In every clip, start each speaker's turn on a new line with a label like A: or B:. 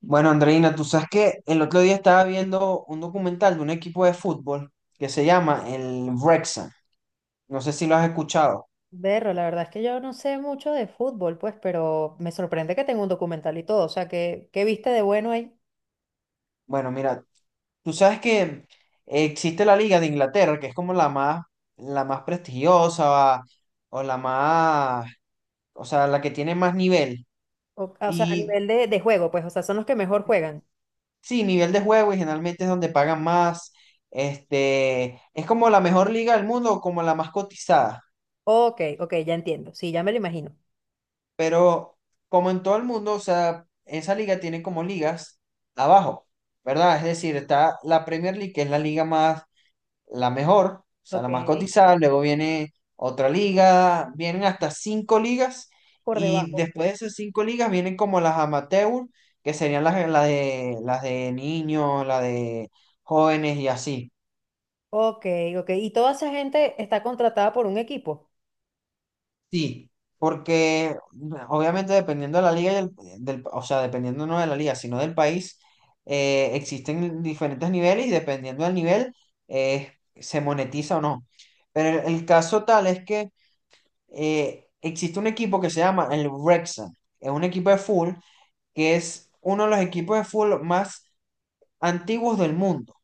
A: Bueno, Andreina, tú sabes que el otro día estaba viendo un documental de un equipo de fútbol que se llama el Wrexham. No sé si lo has escuchado.
B: Berro, la verdad es que yo no sé mucho de fútbol, pues, pero me sorprende que tenga un documental y todo. O sea, ¿qué viste de bueno ahí?
A: Bueno, mira, tú sabes que existe la Liga de Inglaterra, que es como la más prestigiosa o la más, o sea, la que tiene más nivel.
B: O sea, a
A: Y
B: nivel de juego, pues, o sea, son los que mejor juegan.
A: sí, nivel de juego y generalmente es donde pagan más. Es como la mejor liga del mundo, como la más cotizada.
B: Ok, ok, ya entiendo. Sí, ya me lo imagino.
A: Pero como en todo el mundo, o sea, esa liga tiene como ligas abajo, ¿verdad? Es decir, está la Premier League, que es la mejor, o sea,
B: Ok,
A: la más cotizada, luego viene otra liga, vienen hasta cinco ligas
B: por
A: y
B: debajo.
A: después de esas cinco ligas vienen como las amateur, que serían las de niños, las de jóvenes y así.
B: Ok, ok. ¿Y toda esa gente está contratada por un equipo?
A: Sí, porque obviamente dependiendo de la liga y o sea, dependiendo no de la liga, sino del país, existen diferentes niveles y dependiendo del nivel, eh, se monetiza o no. Pero el caso tal es que existe un equipo que se llama el Wrexham, es un equipo de fútbol que es uno de los equipos de fútbol más antiguos del mundo.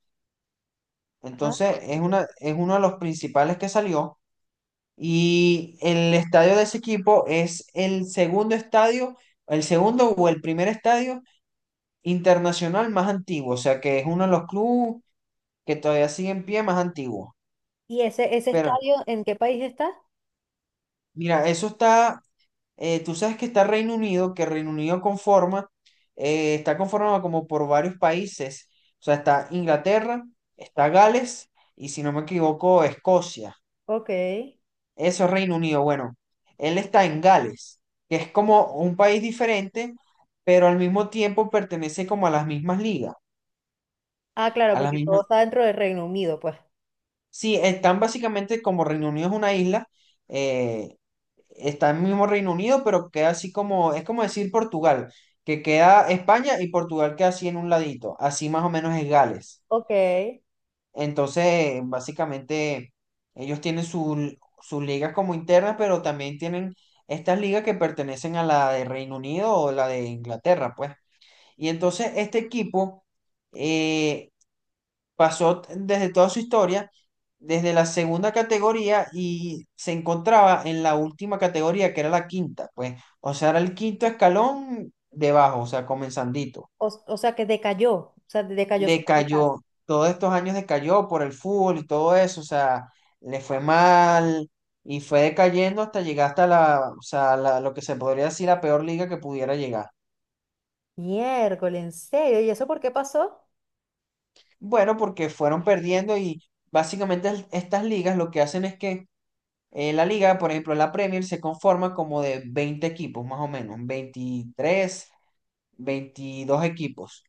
B: Ajá.
A: Entonces, es uno de los principales que salió. Y el estadio de ese equipo es el segundo o el primer estadio internacional más antiguo, o sea que es uno de los clubes que todavía sigue en pie más antiguo.
B: ¿Y ese
A: Pero
B: estadio en qué país está?
A: mira, tú sabes que está Reino Unido, que Reino Unido está conformado como por varios países, o sea, está Inglaterra, está Gales y si no me equivoco, Escocia.
B: Ok.
A: Eso es Reino Unido. Bueno, él está en Gales, que es como un país diferente, pero al mismo tiempo pertenece como a
B: Ah, claro,
A: a las
B: porque todo
A: mismas.
B: está dentro del Reino Unido, pues.
A: Sí, están básicamente como Reino Unido es una isla, eh, está en el mismo Reino Unido, pero queda así como, es como decir Portugal, que queda España y Portugal queda así en un ladito, así más o menos es Gales.
B: Ok.
A: Entonces, básicamente, ellos tienen sus ligas como internas, pero también tienen estas ligas que pertenecen a la de Reino Unido o la de Inglaterra, pues. Y entonces, este equipo eh, desde toda su historia, desde la segunda categoría y se encontraba en la última categoría, que era la quinta, pues. O sea, era el quinto escalón debajo, o sea, comenzandito
B: Que decayó. O sea, decayó su calidad.
A: decayó, todos estos años decayó por el fútbol y todo eso, o sea, le fue mal y fue decayendo hasta llegar hasta o sea, lo que se podría decir la peor liga que pudiera llegar.
B: Miércoles, en serio. ¿Y eso por qué pasó?
A: Bueno, porque fueron perdiendo y básicamente estas ligas lo que hacen es que la liga, por ejemplo, la Premier se conforma como de 20 equipos, más o menos, 23 22 equipos.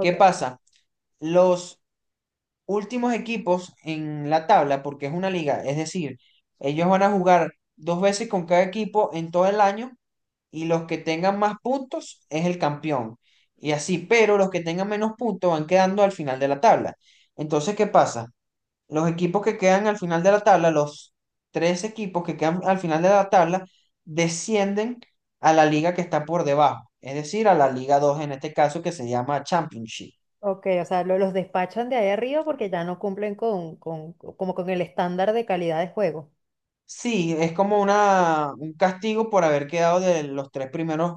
A: ¿Qué pasa? Los últimos equipos en la tabla, porque es una liga, es decir, ellos van a jugar dos veces con cada equipo en todo el año y los que tengan más puntos es el campeón. Y así, pero los que tengan menos puntos van quedando al final de la tabla. Entonces, ¿qué pasa? Los equipos que quedan al final de la tabla, los tres equipos que quedan al final de la tabla, descienden a la liga que está por debajo, es decir, a la Liga 2 en este caso que se llama Championship.
B: ok, o sea, los despachan de ahí arriba porque ya no cumplen como con el estándar de calidad de juego.
A: Sí, es como un castigo por haber quedado de los tres primeros,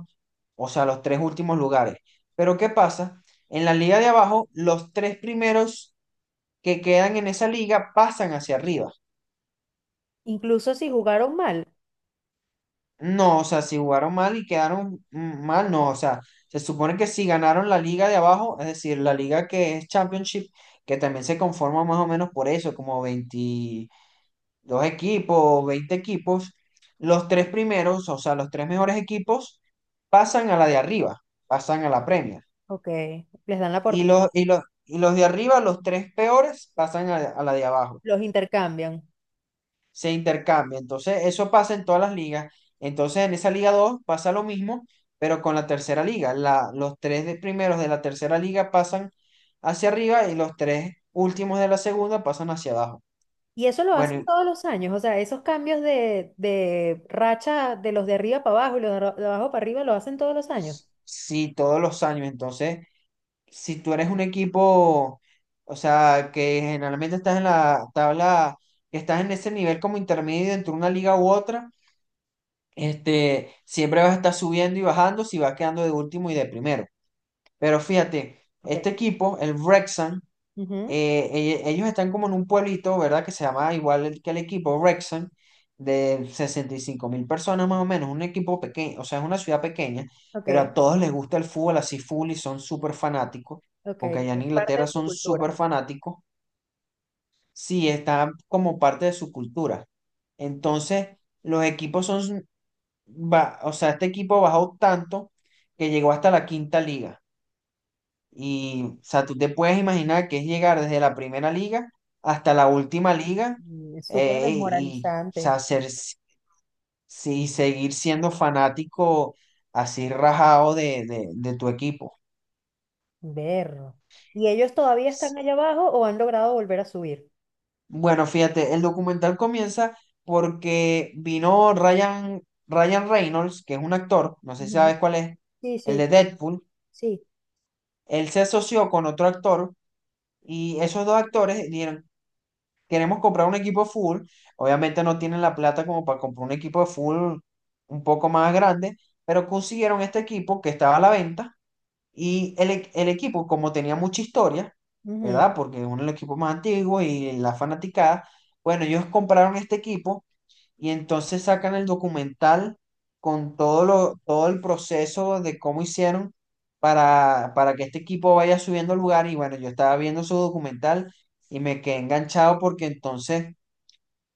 A: o sea, los tres últimos lugares. Pero ¿qué pasa? En la liga de abajo, los tres primeros que quedan en esa liga pasan hacia arriba.
B: Incluso si jugaron mal,
A: No, o sea, si jugaron mal y quedaron mal, no, o sea, se supone que si ganaron la liga de abajo, es decir, la liga que es Championship, que también se conforma más o menos por eso, como 20 dos equipos, 20 equipos, los tres primeros, o sea, los tres mejores equipos, pasan a la de arriba, pasan a la Premier.
B: ok, les dan la
A: Y
B: oportunidad,
A: los, y los, y los de arriba, los tres peores, pasan a la de abajo.
B: los intercambian.
A: Se intercambia. Entonces, eso pasa en todas las ligas. Entonces, en esa Liga 2 pasa lo mismo, pero con la tercera liga. Los tres primeros de la tercera liga pasan hacia arriba y los tres últimos de la segunda pasan hacia abajo.
B: Y eso lo
A: Bueno,
B: hacen
A: y
B: todos los años, o sea, esos cambios de racha de los de arriba para abajo y los de abajo para arriba lo hacen todos los años.
A: sí, todos los años. Entonces, si tú eres un equipo, o sea, que generalmente estás en la tabla, que estás en ese nivel como intermedio entre una liga u otra, siempre vas a estar subiendo y bajando si vas quedando de último y de primero. Pero fíjate,
B: Ok,
A: este equipo, el Wrexham,
B: ujú,
A: eh, ellos están como en un pueblito, ¿verdad? Que se llama igual que el equipo, Wrexham, de 65.000 personas más o menos, un equipo pequeño, o sea, es una ciudad pequeña,
B: ok,
A: pero a todos les gusta el fútbol así full y son súper fanáticos,
B: ok,
A: porque allá en
B: es parte
A: Inglaterra
B: de su
A: son
B: cultura.
A: súper fanáticos, sí, está como parte de su cultura. Entonces, los equipos son, va- o sea, este equipo bajó tanto que llegó hasta la quinta liga. Y, o sea, tú te puedes imaginar que es llegar desde la primera liga hasta la última liga
B: Mm, es súper
A: o
B: desmoralizante.
A: sea, sí, seguir siendo fanático así rajado de tu equipo.
B: Berro. ¿Y ellos todavía están allá abajo o han logrado volver a subir?
A: Bueno, fíjate, el documental comienza porque vino Ryan Reynolds, que es un actor, no sé si
B: Ujú.
A: sabes cuál es,
B: Sí,
A: el
B: sí,
A: de Deadpool.
B: sí.
A: Él se asoció con otro actor y esos dos actores dieron, queremos comprar un equipo full, obviamente no tienen la plata como para comprar un equipo full un poco más grande, pero consiguieron este equipo que estaba a la venta y el equipo, como tenía mucha historia, ¿verdad? Porque es uno de los equipos más antiguos y la fanaticada, bueno, ellos compraron este equipo y entonces sacan el documental con todo el proceso de cómo hicieron para que este equipo vaya subiendo al lugar. Y bueno, yo estaba viendo su documental y me quedé enganchado porque entonces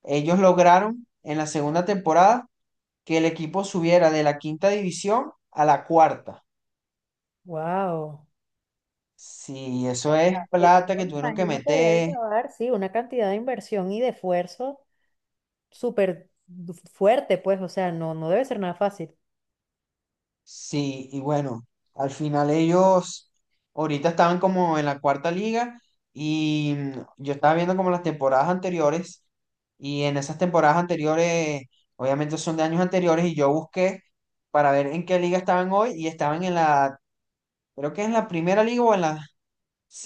A: ellos lograron en la segunda temporada que el equipo subiera de la quinta división a la cuarta.
B: Wow.
A: Sí, eso es plata
B: Eso
A: que
B: me
A: tuvieron que
B: imagino que debe
A: meter.
B: llevar, sí, una cantidad de inversión y de esfuerzo fuerte, pues, o sea, no debe ser nada fácil.
A: Sí, y bueno, al final ellos ahorita estaban como en la cuarta liga y yo estaba viendo como las temporadas anteriores y en esas temporadas anteriores, obviamente son de años anteriores y yo busqué para ver en qué liga estaban hoy y estaban en la, creo que en la primera liga o en la,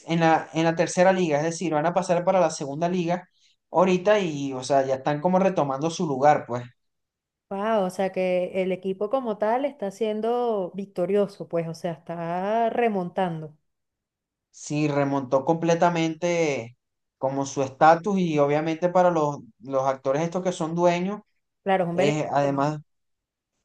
A: en la, en la tercera liga, es decir, van a pasar para la segunda liga ahorita y, o sea, ya están como retomando su lugar, pues.
B: Wow, o sea que el equipo como tal está siendo victorioso, pues, o sea, está remontando.
A: Sí, remontó completamente como su estatus y obviamente para los actores estos que son dueños
B: Claro, es un
A: es
B: beneficio
A: además
B: económico.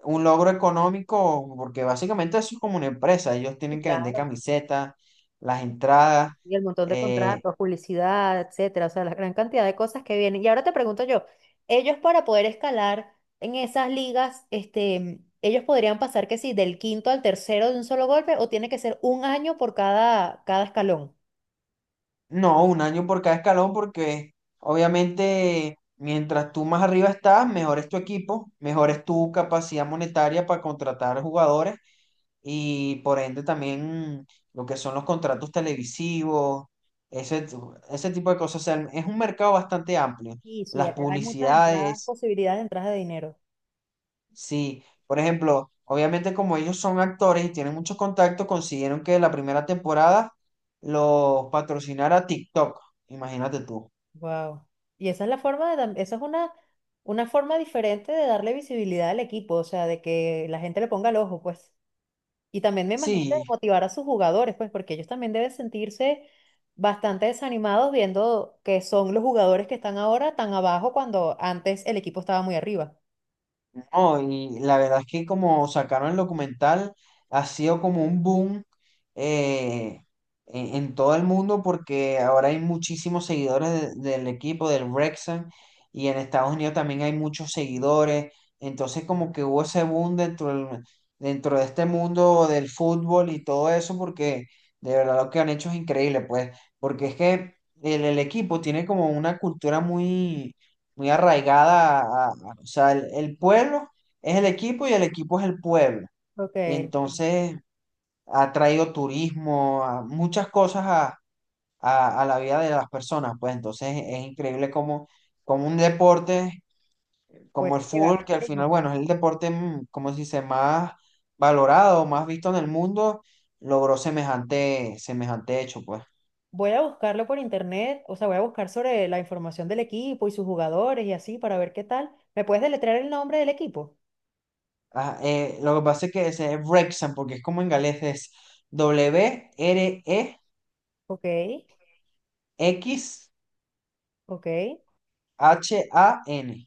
A: un logro económico porque básicamente eso es como una empresa, ellos
B: Sí,
A: tienen que vender
B: claro.
A: camisetas, las entradas,
B: Y el montón de
A: eh,
B: contratos, publicidad, etcétera, o sea, la gran cantidad de cosas que vienen. Y ahora te pregunto yo, ellos para poder escalar en esas ligas, este, ellos podrían pasar que sí, del quinto al tercero de un solo golpe, o tiene que ser un año por cada escalón.
A: no, un año por cada escalón porque obviamente mientras tú más arriba estás, mejor es tu equipo, mejor es tu capacidad monetaria para contratar jugadores y por ende también lo que son los contratos televisivos, ese, ese tipo de cosas. O sea, es un mercado bastante amplio.
B: Sí, sí,
A: Las
B: hay muchas entradas,
A: publicidades,
B: posibilidades de entradas de dinero.
A: sí. Por ejemplo, obviamente como ellos son actores y tienen mucho contacto, consiguieron que la primera temporada los patrocinara TikTok. Imagínate tú.
B: Wow. Y esa es la forma de, esa es una forma diferente de darle visibilidad al equipo, o sea, de que la gente le ponga el ojo, pues. Y también me imagino que
A: Sí,
B: motivar a sus jugadores, pues, porque ellos también deben sentirse bastante desanimados viendo que son los jugadores que están ahora tan abajo cuando antes el equipo estaba muy arriba.
A: no, y la verdad es que como sacaron el documental, ha sido como un boom eh, en todo el mundo porque ahora hay muchísimos seguidores del equipo, del Wrexham, y en Estados Unidos también hay muchos seguidores. Entonces como que hubo ese boom dentro de este mundo del fútbol y todo eso porque de verdad lo que han hecho es increíble, pues, porque es que el equipo tiene como una cultura muy muy arraigada, o sea, el pueblo es el equipo y el equipo es el pueblo.
B: Ok,
A: Y
B: sí,
A: entonces ha traído turismo, a muchas cosas a la vida de las personas. Pues entonces es increíble como, como un deporte como el
B: puede llegar
A: fútbol,
B: tan
A: que al final,
B: lejos,
A: bueno,
B: ¿verdad?
A: es el deporte, como se dice, más valorado, más visto en el mundo, logró semejante, semejante hecho, pues.
B: Voy a buscarlo por internet, o sea, voy a buscar sobre la información del equipo y sus jugadores y así para ver qué tal. ¿Me puedes deletrear el nombre del equipo?
A: Ah, lo que pasa es que ese es Wrexham, porque es como en galés, es Wrex.
B: Ok, ok,
A: Han.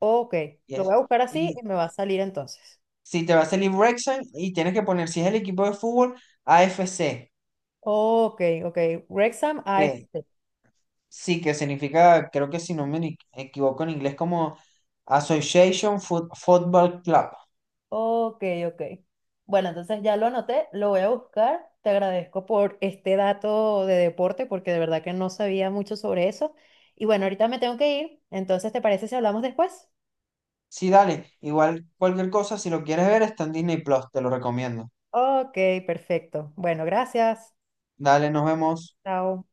B: ok. Lo voy
A: Yes.
B: a buscar así
A: Y
B: y me va a salir entonces.
A: si te va a salir Wrexham y tienes que poner, si es el equipo de fútbol, AFC.
B: Ok, ok. Wrexham A
A: Que
B: AFC.
A: sí, que significa, creo que si no me equivoco en inglés, como Association Football Club.
B: Ok, ok. Bueno, entonces ya lo anoté, lo voy a buscar. Te agradezco por este dato de deporte porque de verdad que no sabía mucho sobre eso. Y bueno, ahorita me tengo que ir. Entonces, ¿te parece si hablamos después?
A: Sí, dale. Igual cualquier cosa, si lo quieres ver, está en Disney Plus. Te lo recomiendo.
B: Ok, perfecto. Bueno, gracias.
A: Dale, nos vemos.
B: Chao.